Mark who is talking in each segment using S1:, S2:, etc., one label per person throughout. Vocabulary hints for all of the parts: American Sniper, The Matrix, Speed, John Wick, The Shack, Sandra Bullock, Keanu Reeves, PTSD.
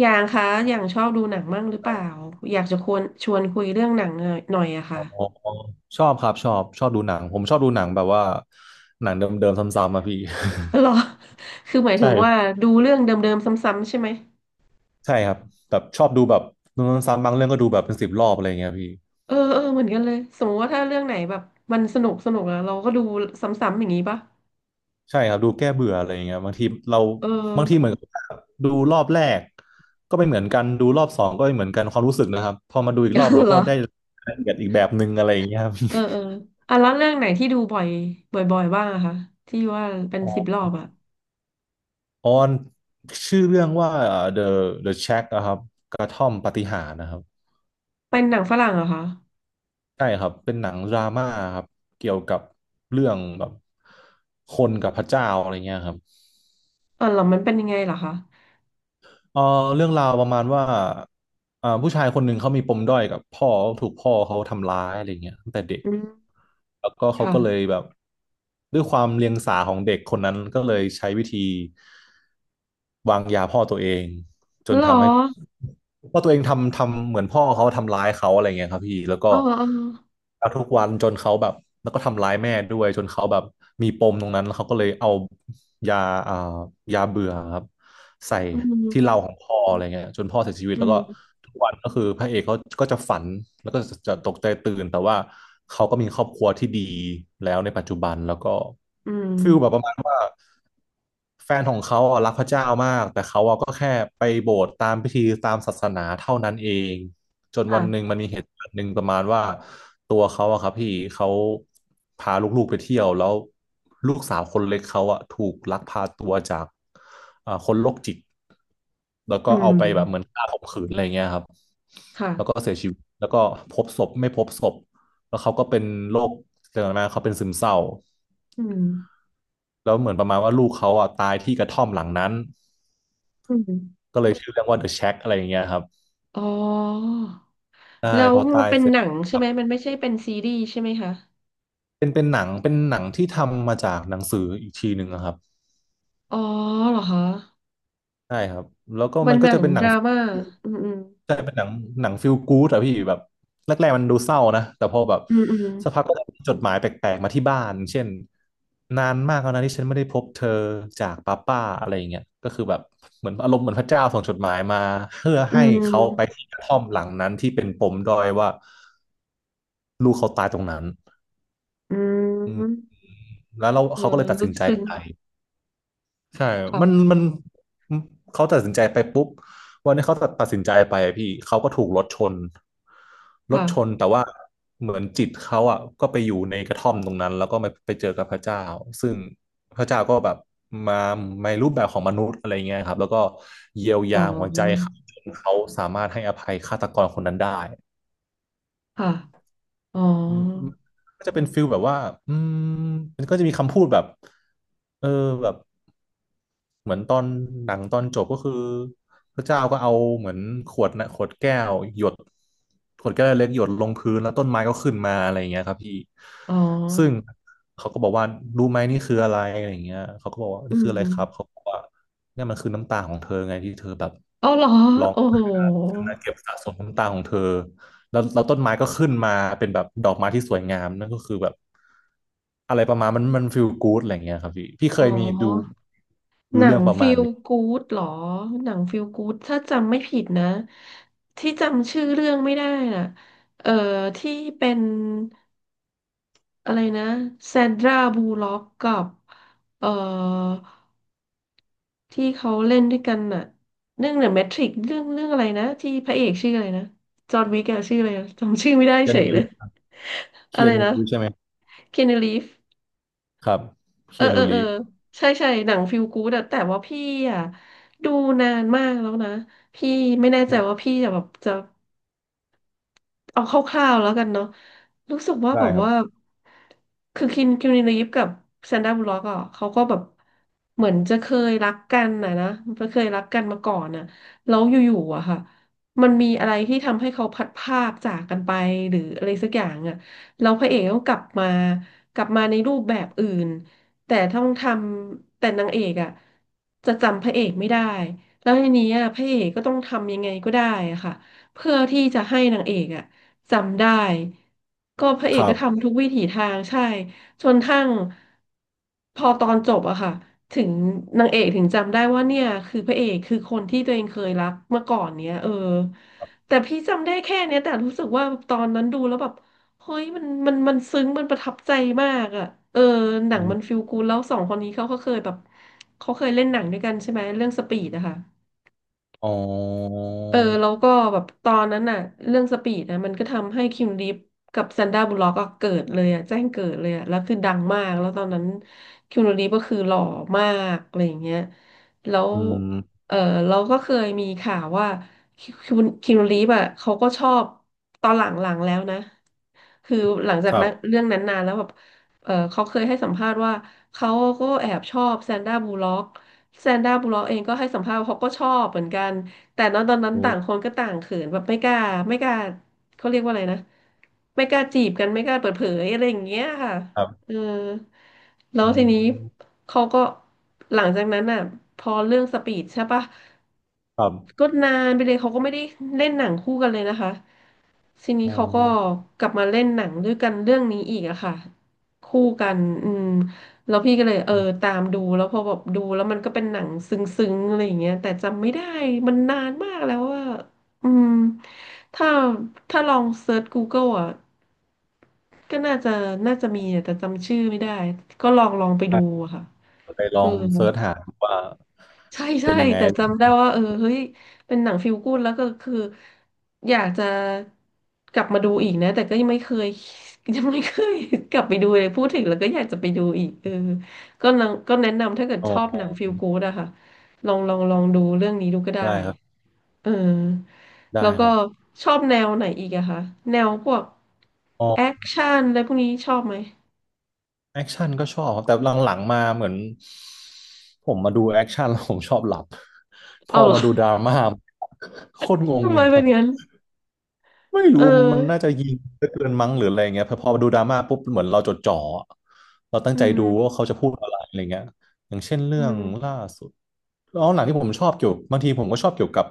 S1: อย่างคะอย่างชอบดูหนังมั่งหรือเปล่าอยากจะควรชวนคุยเรื่องหนังหน่อยหน่อยอะ
S2: อ๋
S1: ค่ะ
S2: อชอบครับชอบดูหนังผมชอบดูหนังแบบว่าหนังเดิมๆซ้ำๆมาพี่
S1: หรอ คือหมาย ถึงว่า
S2: ใช่
S1: ดูเรื่องเดิมๆซ้ำๆใช่ไหม
S2: ใช่ครับแบบชอบดูแบบดูซ้ำๆบางเรื่องก็ดูแบบเป็นสิบรอบอะไรเงี้ยพี่
S1: เออเออเหมือนกันเลยสมมติว่าถ้าเรื่องไหนแบบมันสนุกสนุกอะเราก็ดูซ้ำๆอย่างนี้ปะ
S2: ใช่ครับดูแก้เบื่ออะไรเงี้ยบางทีเรา
S1: เอ
S2: บางทีเหมือ
S1: อ
S2: นกับดูรอบแรกก็ไม่เหมือนกันดูรอบสองก็ไม่เหมือนกันความรู้สึกนะครับพอมาดูอีกรอบ เรา
S1: เหร
S2: ก็
S1: อ
S2: ได้รายละเอียดอีกแบบหนึ่งอะไรอย่างเงี้ยครับ
S1: เออเอ ออ่ะแล้วเรื่องไหนที่ดูบ่อยบ่อยๆบ้างอะคะที่ว่าเป็นสิบ
S2: ออ
S1: รอบอะ
S2: ออนชื่อเรื่องว่า The The Shack นะครับกระท่อมปาฏิหาริย์นะครับ
S1: เป็นหนังฝรั่งเหรอคะ
S2: ใช่ครับ เป็นหนังดราม่าครับ เกี่ยวกับเรื่องแบบคนกับพระเจ้าอะไรเงี้ยครับ
S1: เออเหรอมันเป็นยังไงเหรอคะ
S2: เออเรื่องราวประมาณว่าผู้ชายคนหนึ่งเขามีปมด้อยกับพ่อถูกพ่อเขาทำร้ายอะไรเงี้ยตั้งแต่เด็ก
S1: อืม
S2: แล้วก็เขาก็เลย
S1: ค่ะ
S2: แบบด้วยความเลียงสาของเด็กคนนั้นก็เลยใช้วิธีวางยาพ่อตัวเองจน
S1: เหรอ
S2: ทำให้พ่อตัวเองทำเหมือนพ่อเขาทำร้ายเขาอะไรเงี้ยครับพี่แล้วก็
S1: อ๋ออ๋อ
S2: เอาทุกวันจนเขาแบบแล้วก็ทำร้ายแม่ด้วยจนเขาแบบมีปมตรงนั้นแล้วเขาก็เลยเอายาอ่ายาเบื่อครับ ใส่
S1: อื
S2: ที่เรา
S1: ม
S2: ของพ่ออะไรเงี้ยจนพ่อเสียชีวิต
S1: อื
S2: แล้วก็
S1: ม
S2: ทุกวันก็คือพระเอกเขาก็จะฝันแล้วก็จะตกใจตื่นแต่ว่าเขาก็มีครอบครัวที่ดีแล้วในปัจจุบันแล้วก็
S1: อืม
S2: ฟิลแบบประมาณว่าแฟนของเขาอะรักพระเจ้ามากแต่เขาอะก็แค่ไปโบสถ์ตามพิธีตามศาสนาเท่านั้นเองจนวันหนึ่ง
S1: ค่ะ
S2: มันมีเหตุการณ์หนึ่งประมาณว่าตัวเขาอะครับพี่เขาพาลูกๆไปเที่ยวแล้วลูกสาวคนเล็กเขาอะถูกลักพาตัวจากคนโรคจิต แล้วก็
S1: อื
S2: เอาไปแบบเหมือน
S1: ม
S2: ฆ่าข่มขืนอะไรเงี้ยครับแล้วก็
S1: ค่ะ
S2: เสียชีวิตแล้วก็พบศพไม่พบศพแล้วเขาก็เป็นโรคเร่องน้นะเขาเป็นซึมเศร้า
S1: อืม
S2: แล้วเหมือนประมาณว่าลูกเขาอ่ะตายที่กระท่อมหลังนั้น
S1: อืม
S2: ก็เลยชื่อเรื่องว่า The Shack อะไรอย่างเงี้ยครับ
S1: อ๋อ
S2: ใช่
S1: แล้ว
S2: พอ
S1: มั
S2: ตา
S1: น
S2: ย
S1: เป็น
S2: เสร็
S1: ห
S2: จ
S1: นัง
S2: ค
S1: ใช่
S2: รั
S1: ไห
S2: บ
S1: มมันไม่ใช่เป็นซีรีส์ใช่ไหมคะ
S2: เป็นหนังเป็นหนังที่ทำมาจากหนังสืออีกทีหนึ่งนะครับ
S1: อ๋อเหรอคะ
S2: ใช่ครับแล้วก็
S1: มั
S2: มั
S1: น
S2: น
S1: ห
S2: ก็
S1: นั
S2: จะ
S1: ง
S2: เป็นห
S1: ด
S2: นัง
S1: รา
S2: สือ
S1: ม่าอืมอืม
S2: ใช่เป็นหนังหนังฟิลกู๊ดอะพี่แบบแรกๆมันดูเศร้านะแต่พอแบบ
S1: อืม
S2: สักพักก็จะมีจดหมายแปลกๆมาที่บ้านเช่นนานมากแล้วนะที่ฉันไม่ได้พบเธอจากป้าอะไรอย่างเงี้ยก็คือแบบเหมือนอารมณ์เหมือนพระเจ้าส่งจดหมายมาเพื่อ
S1: อื
S2: ให้เขาไป
S1: ม
S2: ที่กระท่อมหลังนั้นที่เป็นปมด้อยว่าลูกเขาตายตรงนั้น
S1: อืม
S2: อื
S1: อื
S2: ม
S1: ม
S2: แล้วเรา
S1: เออ
S2: เขาก็เลยตัด
S1: ลึ
S2: สิน
S1: ก
S2: ใจ
S1: ซึ้ง
S2: ไป ใช่มัน
S1: ค่ะ
S2: มัน เขาตัดสินใจไปปุ๊บวันนี้เขาตัดสินใจไปอะพี่ เขาก็ถูกรถชนรถชน
S1: ค่ะ
S2: แต่ว่าเหมือนจิตเขาอ่ะก็ไปอยู่ในกระท่อมตรงนั้น แล้วก็ไปเจอกับพระเจ้าซึ่งพระเจ้าก็แบบมาในรูปแบบของมนุษย์อะไรเงี้ยครับ แล้วก็เยียว
S1: อ๋
S2: ยาหัวใจ
S1: อ
S2: เขาจนเขาสามารถให้อภัยฆาตกรคนนั้นได้
S1: ค่ะอ๋อ
S2: อืมก็จะเป็นฟิลแบบว่าอืมมันก็จะมีคำพูดแบบเออแบบ เหมือนตอนหนังตอนจบก็คือพระเจ้าก็เอาเหมือนขวดนะขวดแก้วหยดขวดแก้วเล็กหยดลงพื้นแล้วต้นไม้ก็ขึ้นมาอะไรอย่างเงี้ยครับพี่
S1: อ๋อ
S2: ซึ่งเขาก็บอกว่ารู้ไหมนี่คืออะไรอะไรอย่างเงี้ยเขาก็บอกว่า
S1: อื
S2: นี่คืออะ
S1: ม
S2: ไรครับเขาบอกว่าเนี่ยมันคือน้ำตาของเธอไงที่เธอแบบ
S1: อ๋อเหรอโอ้โห
S2: เก็บสะสมน้ำตาของเธอแล้วต้นไม้ก็ขึ้นมาเป็นแบบดอกไม้ที่สวยงามนั่นก็คือแบบอะไรประมาณมันฟีลกู๊ดอะไรอย่างเงี้ยครับพี่พี่เค
S1: อ๋อ
S2: ยมีดู
S1: ห
S2: ดู
S1: นั
S2: เรื่อ
S1: ง
S2: งประ
S1: ฟ e
S2: มาณ
S1: ล
S2: นี้
S1: กู o ดหรอหนังฟ e ลกู o ดถ้าจำไม่ผิดนะที่จำชื่อเรื่องไม่ได้น่ะเอ่อที่เป็นอะไรนะแซนดราบูล็อกกับเอ่อที่เขาเล่นด้วยกันน่ะเรื่องเดอะแมทริกเรื่องอะไรนะที่พระเอกชื่ออะไรนะจอห์นวิกอะชื่ออะไรอะจำชื่อไม่ได้
S2: ยั
S1: เฉยเล
S2: ู้
S1: ย อะ
S2: เคี
S1: ไร
S2: ยนู
S1: นะ
S2: รีฟใช่ไหม
S1: คีนูรีฟ
S2: ครับ
S1: เอ
S2: เคี
S1: อ
S2: ย
S1: เอ
S2: นู
S1: อเอ
S2: รี
S1: อ
S2: ฟ
S1: ใช่ใช่หนังฟิลกู๊ดอะแต่ว่าพี่อะดูนานมากแล้วนะพี่ไม่แน่ใจว่าพี่จะแบบจะ เอาคร่าวๆแล้วกันเนาะรู้สึกว่าแบ
S2: ได้
S1: บ
S2: ครับ
S1: ว่าคือคิมรีฟกับแซนดราบูลล็อกอ่ะเขาก็แบบเหมือนจะเคยรักกันนะนะเคยรักกันมาก่อนน่ะแล้วอยู่ๆอะค่ะมันมีอะไรที่ทำให้เขาพัดภาคจากกันไปหรืออะไรสักอย่างอะแล้วพระเอกก็กลับมากลับมาในรูปแบบอื่น แต่ต้องทำแต่นางเอกอะจะจำพระเอกไม่ได้ แล้วทีนี้อะพระเอกก็ต้องทำยังไงก็ได้อะค่ะเพื่อที่จะให้นางเอกอะ จำได้ก็พระเอ
S2: ค
S1: ก
S2: รั
S1: ก็
S2: บ
S1: ทำทุกวิถีทางใช่ จนทั้งพอตอนจบอะค่ะถึงนางเอกถึงจำได้ว่าเนี่ยคือพระเอกคือคนที่ตัวเองเคยรักเมื่อก่อนเนี้ยเออแต่พี่จำได้แค่เนี้ยแต่รู้สึกว่าตอนนั้นดูแล้วแบบเฮ้ยมันซึ้งมันประทับใจมากอะเออหนัง
S2: อื
S1: มัน
S2: ม
S1: ฟีลกูดแล้วสองคนนี้เขาก็เคยแบบเขาเคยเล่นหนังด้วยกันใช่ไหมเรื่องสปีดอะค่ะ
S2: อ๋อ
S1: เออแล้วก็แบบตอนนั้นน่ะเรื่องสปีดนะมันก็ทำให้คิมลีฟกับแซนด้าบุลล็อกก็เกิดเลยอ่ะแจ้งเกิดเลยอ่ะแล้วคือดังมากแล้วตอนนั้นคิมลีฟก็คือหล่อมากอะไรอย่างเงี้ยแล้ว
S2: อืม
S1: เออเราก็เคยมีข่าวว่าคิมคิมลีฟอ่ะเขาก็ชอบตอนหลังๆแล้วนะคือหลังจา
S2: ค
S1: ก
S2: รั
S1: นั้
S2: บ
S1: นเรื่องนั้นนานแล้วแบบเออเขาเคยให้สัมภาษณ์ว่าเขาก็แอบชอบแซนด้าบูลล็อกแซนด้าบูลล็อกเองก็ให้สัมภาษณ์ว่าเขาก็ชอบเหมือนกัน แต่ตอนนั้น
S2: โอ้
S1: ต่างคนก็ต่างเขินแบบไม่กล้าไม่กล้าเขาเรียกว่าอะไรนะไม่กล้าจีบกันไม่กล้าเปิดเผยอะไรอย่างเงี้ยค่ะ
S2: ครับ
S1: เออแล้ว
S2: อื
S1: ทีนี้
S2: ม
S1: เขาก็หลังจากนั้นอ่ะพอเรื่องสปีดใช่ปะ
S2: ครับ
S1: ก็นานไปเลยเขาก็ไม่ได้เล่นหนังคู่กันเลยนะคะทีนี้
S2: อ๋อ
S1: เขาก็กลับมาเล่นหนังด้วยกันเรื่องนี้อีกอะค่ะคู่กันอืม แล้วพี่ก็เลยเออตามดูแล้วพอแบบดูแล้วมันก็เป็นหนังซึ้งๆอะไรอย่างเงี้ยแต่จำไม่ได้มันนานมากแล้วว่าอืมถ้าถ้าลองเซิร์ช Google อ่ะก็น่าจะมีอะแต่จำชื่อไม่ได้ก็ลองไป
S2: ได้
S1: ดูอะค่ะ
S2: เดี๋ยวไปล
S1: เอ
S2: อ
S1: อ
S2: งเซิร์ชหาดูว่า
S1: ใช่ใช่
S2: เป็นยังไง
S1: แต่จำได้ว่าเออเฮ้ยเป็นหนังฟีลกู๊ดแล้วก็คืออยากจะกลับมาดูอีกนะแต่ก็ยังไม่เคย ยังไม่เคย กลับไปดูเลยพูดถึงแล้วก็อยากจะไปดูอีกเออก็นังก็แนะนำถ้าเกิด
S2: อ๋
S1: ชอบ
S2: อ
S1: หนังฟีลกู๊ดอะค่ะลองลองดูเรื่องนี้ดูก็ได้
S2: ได้ครับ
S1: เออแล้
S2: ได้
S1: ว
S2: ค
S1: ก็
S2: รับ
S1: ชอบแนวไหนอีกอะคะแนวพวก
S2: อ๋อ
S1: แอคชั่นอะไรพวกนี้ชอบไหม
S2: แอคชั่นก็ชอบครับแต่หลังๆมาเหมือนผมมาดูแอคชั่นแล้วผมชอบหลับพ
S1: เอา
S2: อ
S1: เหรอ
S2: มาดูดราม่าโคตรง ง
S1: ทำไม
S2: เลย
S1: เป็นงั้น
S2: ไม่
S1: เอ
S2: รู้มันน่า
S1: อ
S2: จะยิงเหเกินมั้งหรืออะไรเงี้ยพอดูดราม่าปุ๊บเหมือนเราจดจ่อเราตั้ง
S1: อื
S2: ใจดู
S1: ม
S2: ว่าเขาจะพูดอะไรอะไรเงี้ยอย่างเช่นเรื่
S1: อื
S2: อง
S1: ม
S2: ล่าสุดแล้วหนังที่ผมชอบเกี่ยวบางทีผมก็ชอบเกี่ยวกับ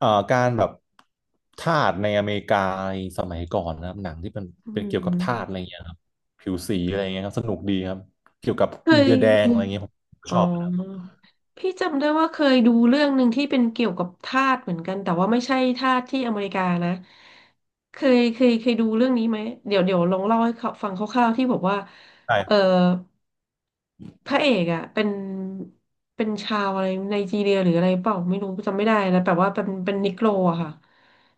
S2: การแบบทาสในอเมริกาสมัยก่อนนะครับหนังที่เป็น
S1: อื
S2: เป็นเกี่ยวกับทาสอะ
S1: ม
S2: ไรเงี้ยครับผิวสีอะไรเงี้ยครับสนุกดีครับเกี่ยวกับ
S1: เค
S2: อินเดียแดงอะไร
S1: ย
S2: เงี้ยผม
S1: อ๋
S2: ชอบนะ
S1: อพี่จำได้ว่าเคยดูเรื่องหนึ่งที่เป็นเกี่ยวกับทาสเหมือนกันแต่ว่าไม่ใช่ทาสที่อเมริกานะเคยดูเรื่องนี้ไหมเดี๋ยวลองเล่าให้เขาฟังคร่าวๆที่บอกว่าเออ
S2: ใช่
S1: พระเอกอ่ะเป็นชาวอะไรไนจีเรียหรืออะไรเปล่าไม่รู้จำไม่ได้นะแต่ว่าเป็นนิโกรอะค่ะ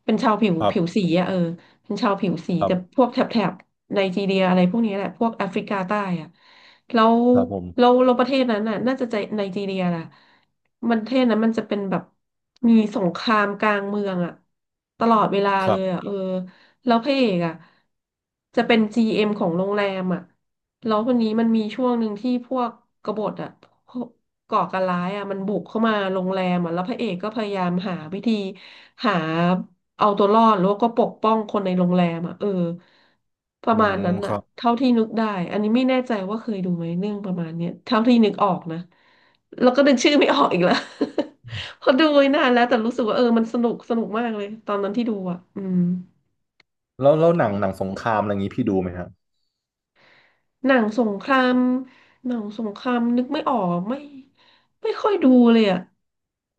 S1: เป็นชาวผิว
S2: ครับ
S1: สีอะเออเป็นชาวผิวสี
S2: ครั
S1: แต่พ
S2: บ
S1: วกแถบไนจีเรียอะไรพวกนี้แหละพวกแอฟริกาใต้อ่ะแล้ว
S2: ครับผม
S1: ประเทศนั้นน่ะน่าจะใจไนจีเรียแหละมันประเทศนั้นมันจะเป็นแบบมีสงครามกลางเมืองอ่ะตลอดเวลา
S2: ค
S1: เล
S2: รับ
S1: ยอ่ะเออแล้วพระเอกอ่ะจะเป็น GM ของโรงแรมอ่ะ แล้วคนนี้มันมีช่วงหนึ่งที่พวกกบฏอะพวกก่อการร้ายอะมันบุกเข้ามาโรงแรมอะแล้วพระเอกก็พยายามหาวิธีหาเอาตัวรอดแล้วก็ปกป้องคนในโรงแรมอะเออประ
S2: อื
S1: มาณ
S2: ม
S1: นั้น
S2: ค
S1: อะ
S2: รับ
S1: เท่าที่นึกได้อันนี้ไม่แน่ใจว่าเคยดูไหมเรื่องประมาณเนี้ยเท่าที่นึกออกนะแล้วก็นึกชื่อไม่ออกอีกแล้ว เพอดูไว้นานแล้วแต่รู้สึกว่าเออมันสนุกมากเลยตอนนั้นที่ดูอะอืม
S2: แล้วหนังสงครามอะไรอย่างงี้พี่ดูไหมฮะ
S1: หนังสงครามหนังสงครามนึกไม่ออกไม่ค่อยดูเลยอ่ะ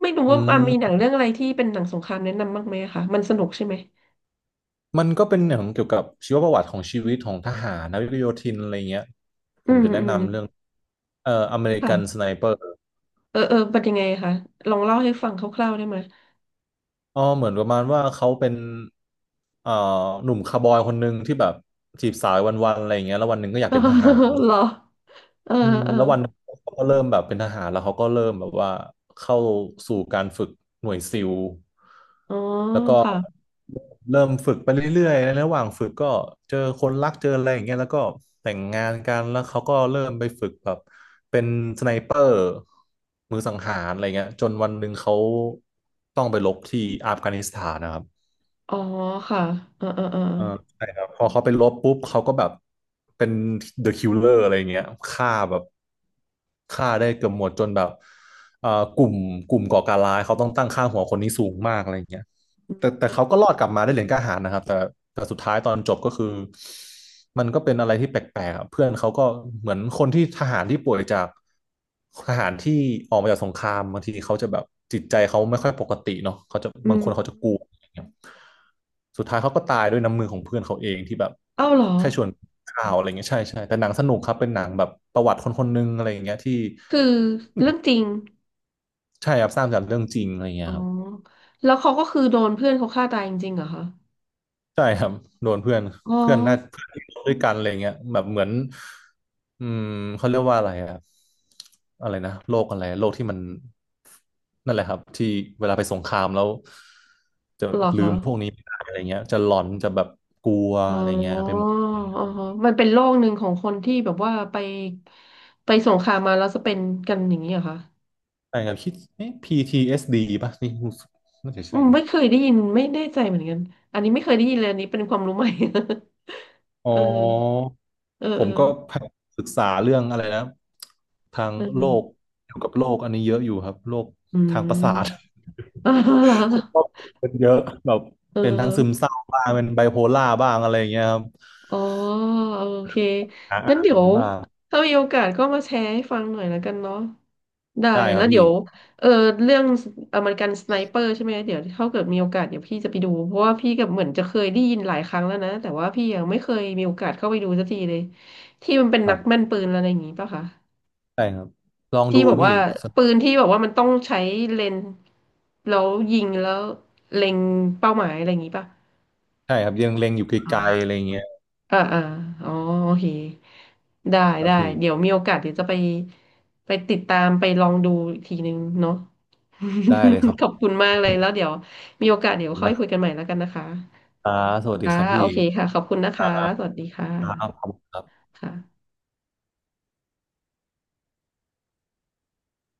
S1: ไม่รู้
S2: อื
S1: ว่าอ่ะมีหนัง
S2: ม
S1: เรื่องอะไรที่เป็นหนังสงครามแนะนำบ้างไหมอะคะมันสนุกใช่ไหม
S2: มันก็เป็นอย่างเกี่ยวกับชีวประวัติของชีวิตของทหารนาวิกโยธินอะไรเงี้ยผ
S1: อื
S2: ม
S1: ม
S2: จะแนะ
S1: อืม
S2: นำเรื่องอเมริ
S1: ค่ะ
S2: กันสไนเปอร์
S1: เออเออเป็นยังไงคะลองเล่าให้ฟังคร่าวๆได้ไหม
S2: อ๋อเหมือนประมาณว่าเขาเป็นเอ่อหนุ่มคาวบอยคนหนึ่งที่แบบจีบสาววันๆอะไรเงี้ยแล้ววันหนึ่งก็อยากเป็นทหาร
S1: เหรอเออ
S2: อืม
S1: เออ
S2: แล้ววันนั้นเขาก็เริ่มแบบเป็นทหารแล้วเขาก็เริ่มแบบว่าเข้าสู่การฝึกหน่วยซิล
S1: อ๋อ
S2: แล้วก็
S1: ค่ะ
S2: เริ่มฝึกไปเรื่อยๆในระหว่างฝึกก็เจอคนรักเจออะไรอย่างเงี้ยแล้วก็แต่งงานกันแล้วเขาก็เริ่มไปฝึกแบบเป็นสไนเปอร์มือสังหารอะไรเงี้ยจนวันหนึ่งเขาต้องไปรบที่อัฟกานิสถานนะครับ
S1: อ๋อค่ะเออเออเออ
S2: เออใช่ครับพอเขาไปลบปุ๊บเขาก็แบบเป็น The Killer อะไรเงี้ยฆ่าแบบฆ่าได้เกือบหมดจนแบบเอ่อกลุ่มกลุ่มก่อการร้ายเขาต้องตั้งค่าหัวคนนี้สูงมากอะไรเงี้ย แต่เขาก็รอดกลับมาได้เหรียญกล้าหาญนะครับแต่แต่สุดท้ายตอนจบก็คือมันก็เป็นอะไรที่แปลกๆอะเพื่อนเขาก็เหมือนคนที่ทหารที่ป่วยจากทหารที่ออกมาจากสงครามบางทีเขาจะแบบจิตใจเขาไม่ค่อยปกติเนาะเขาจะ
S1: อื
S2: บาง
S1: ม
S2: คนเขาจะกลัวอะไรเงี้ยสุดท้ายเขาก็ตายด้วยน้ำมือของเพื่อนเขาเองที่แบบ
S1: เอ้าเหรอ
S2: แค่ชวนข่าวอะไรเงี้ยใช่ใช่แต่หนังสนุกครับเป็นหนังแบบประวัติคนคนหนึงอะไรอย่างเงี้ยที่
S1: คือเรื่องจริง
S2: ใช่ครับสร้างจากเรื่องจริงอะไรเงี้
S1: อ๋อ
S2: ยครับ
S1: แล้วเขาก็คือโดนเพื่อนเขาฆ่าตายจริงๆเหรอคะ
S2: ใช่ครับโดนเพื่อน
S1: อ๋อ
S2: เพื่อนน่าเพื่อนที่โ่ด้วยกันอะไรเงี้ยแบบเหมือนอืมเขาเรียกว่าอะไรอะอะไรนะโรคอะไรโรคที่มันนั่นแหละครับที่เวลาไปสงครามแล้วจะ
S1: เหรอ
S2: ลื
S1: คะ
S2: มพวกนี้ไม่ได้อะไรเงี้ยจะหลอนจะแบบกลัว
S1: อ๋
S2: อะไรเงี้ย
S1: อ
S2: ไป
S1: อ๋
S2: หมด
S1: อฮะมันเป็นโรคหนึ่งของคนที่แบบว่าไปสงครามมาแล้วจะเป็นกันอย่างนี้เหรอคะ
S2: ใช่ครับคิดเอ๊ะ PTSD ป่ะนี่รู้สึกน่าจะ
S1: อื
S2: ใช่
S1: ม
S2: นะ
S1: ไม่เคยได้ยินไม่แน่ใจเหมือนกัน อันนี้ไม่เคยได้ยินเลยอันนี้เป็นความรู้ใหม่
S2: อ๋อ
S1: เออเออ
S2: ผ
S1: เออ
S2: มก็ยศึกษาเรื่องอะไรนะทาง
S1: เอ
S2: โลก
S1: อ
S2: เกี่ยวกับโลกอันนี้เยอะอยู่ครับโลก
S1: อื
S2: ทางประสาท
S1: ม เออเห
S2: ค
S1: รอ
S2: นรอบตัวเป็นเยอะแบบ
S1: เอ
S2: เป็นทั้งซึม
S1: อ
S2: เศร้าบ้างเป็นไบโพล่าบ้างอะไรอย่างเงี้ยครับ
S1: อ๋อโอเค
S2: หา
S1: งั้น
S2: อ่า
S1: เดี๋
S2: น
S1: ยว
S2: บ้าง
S1: ถ้ามีโอกาสก็มาแชร์ให้ฟังหน่อยแล้วกันเนาะได้
S2: ได้ค
S1: แล้
S2: รั
S1: ว
S2: บ
S1: เดี๋ย
S2: พี่
S1: วเออเรื่องอเมริกันสไนเปอร์ใช่ไหมเดี๋ยวถ้าเกิดมีโอกาสเดี๋ยวพี่จะไปดูเพราะว่าพี่กับเหมือนจะเคยได้ยินหลายครั้งแล้วนะแต่ว่าพี่ยังไม่เคยมีโอกาสเข้าไปดูสักทีเลยที่มันเป็น
S2: ค
S1: นั
S2: รั
S1: กแม่
S2: บ
S1: นปืนอะไรอย่างงี้ป่ะคะ
S2: ได้ครับลองดู
S1: ที่บอก
S2: พี่
S1: ว่า
S2: ส
S1: ปืนที่บอกว่ามันต้องใช้เลนส์แล้วยิงแล้วเล็งเป้าหมายอะไรอย่างงี้ป่ะ
S2: ใช่ครับยังเล็งอยู่ไกลๆอะไรอย่างเงี้ย
S1: อ่าอ่าอ๋อโอเคได้
S2: ครับ
S1: ได้
S2: พี่
S1: เดี๋ยวมีโอกาสเดี๋ยวจะไปติดตามไปลองดูอีกทีนึงเนาะ
S2: ได้เลยครับ
S1: ข
S2: ข
S1: อ
S2: อ
S1: บคุ
S2: บ
S1: ณมากเลยแล้วเดี๋ยวมีโอกาสเดี๋ยว
S2: คุณ
S1: ค่อย
S2: นะ
S1: คุย
S2: ค
S1: กันใหม่แล้วกันนะคะ
S2: รับสวัสดี
S1: ค่ะ
S2: ครับ
S1: โอ
S2: พี่
S1: เคค่ะขอบคุณนะ
S2: ครั
S1: คะ
S2: บ
S1: สวัสดีค่ะ
S2: ครับ
S1: ค่ะ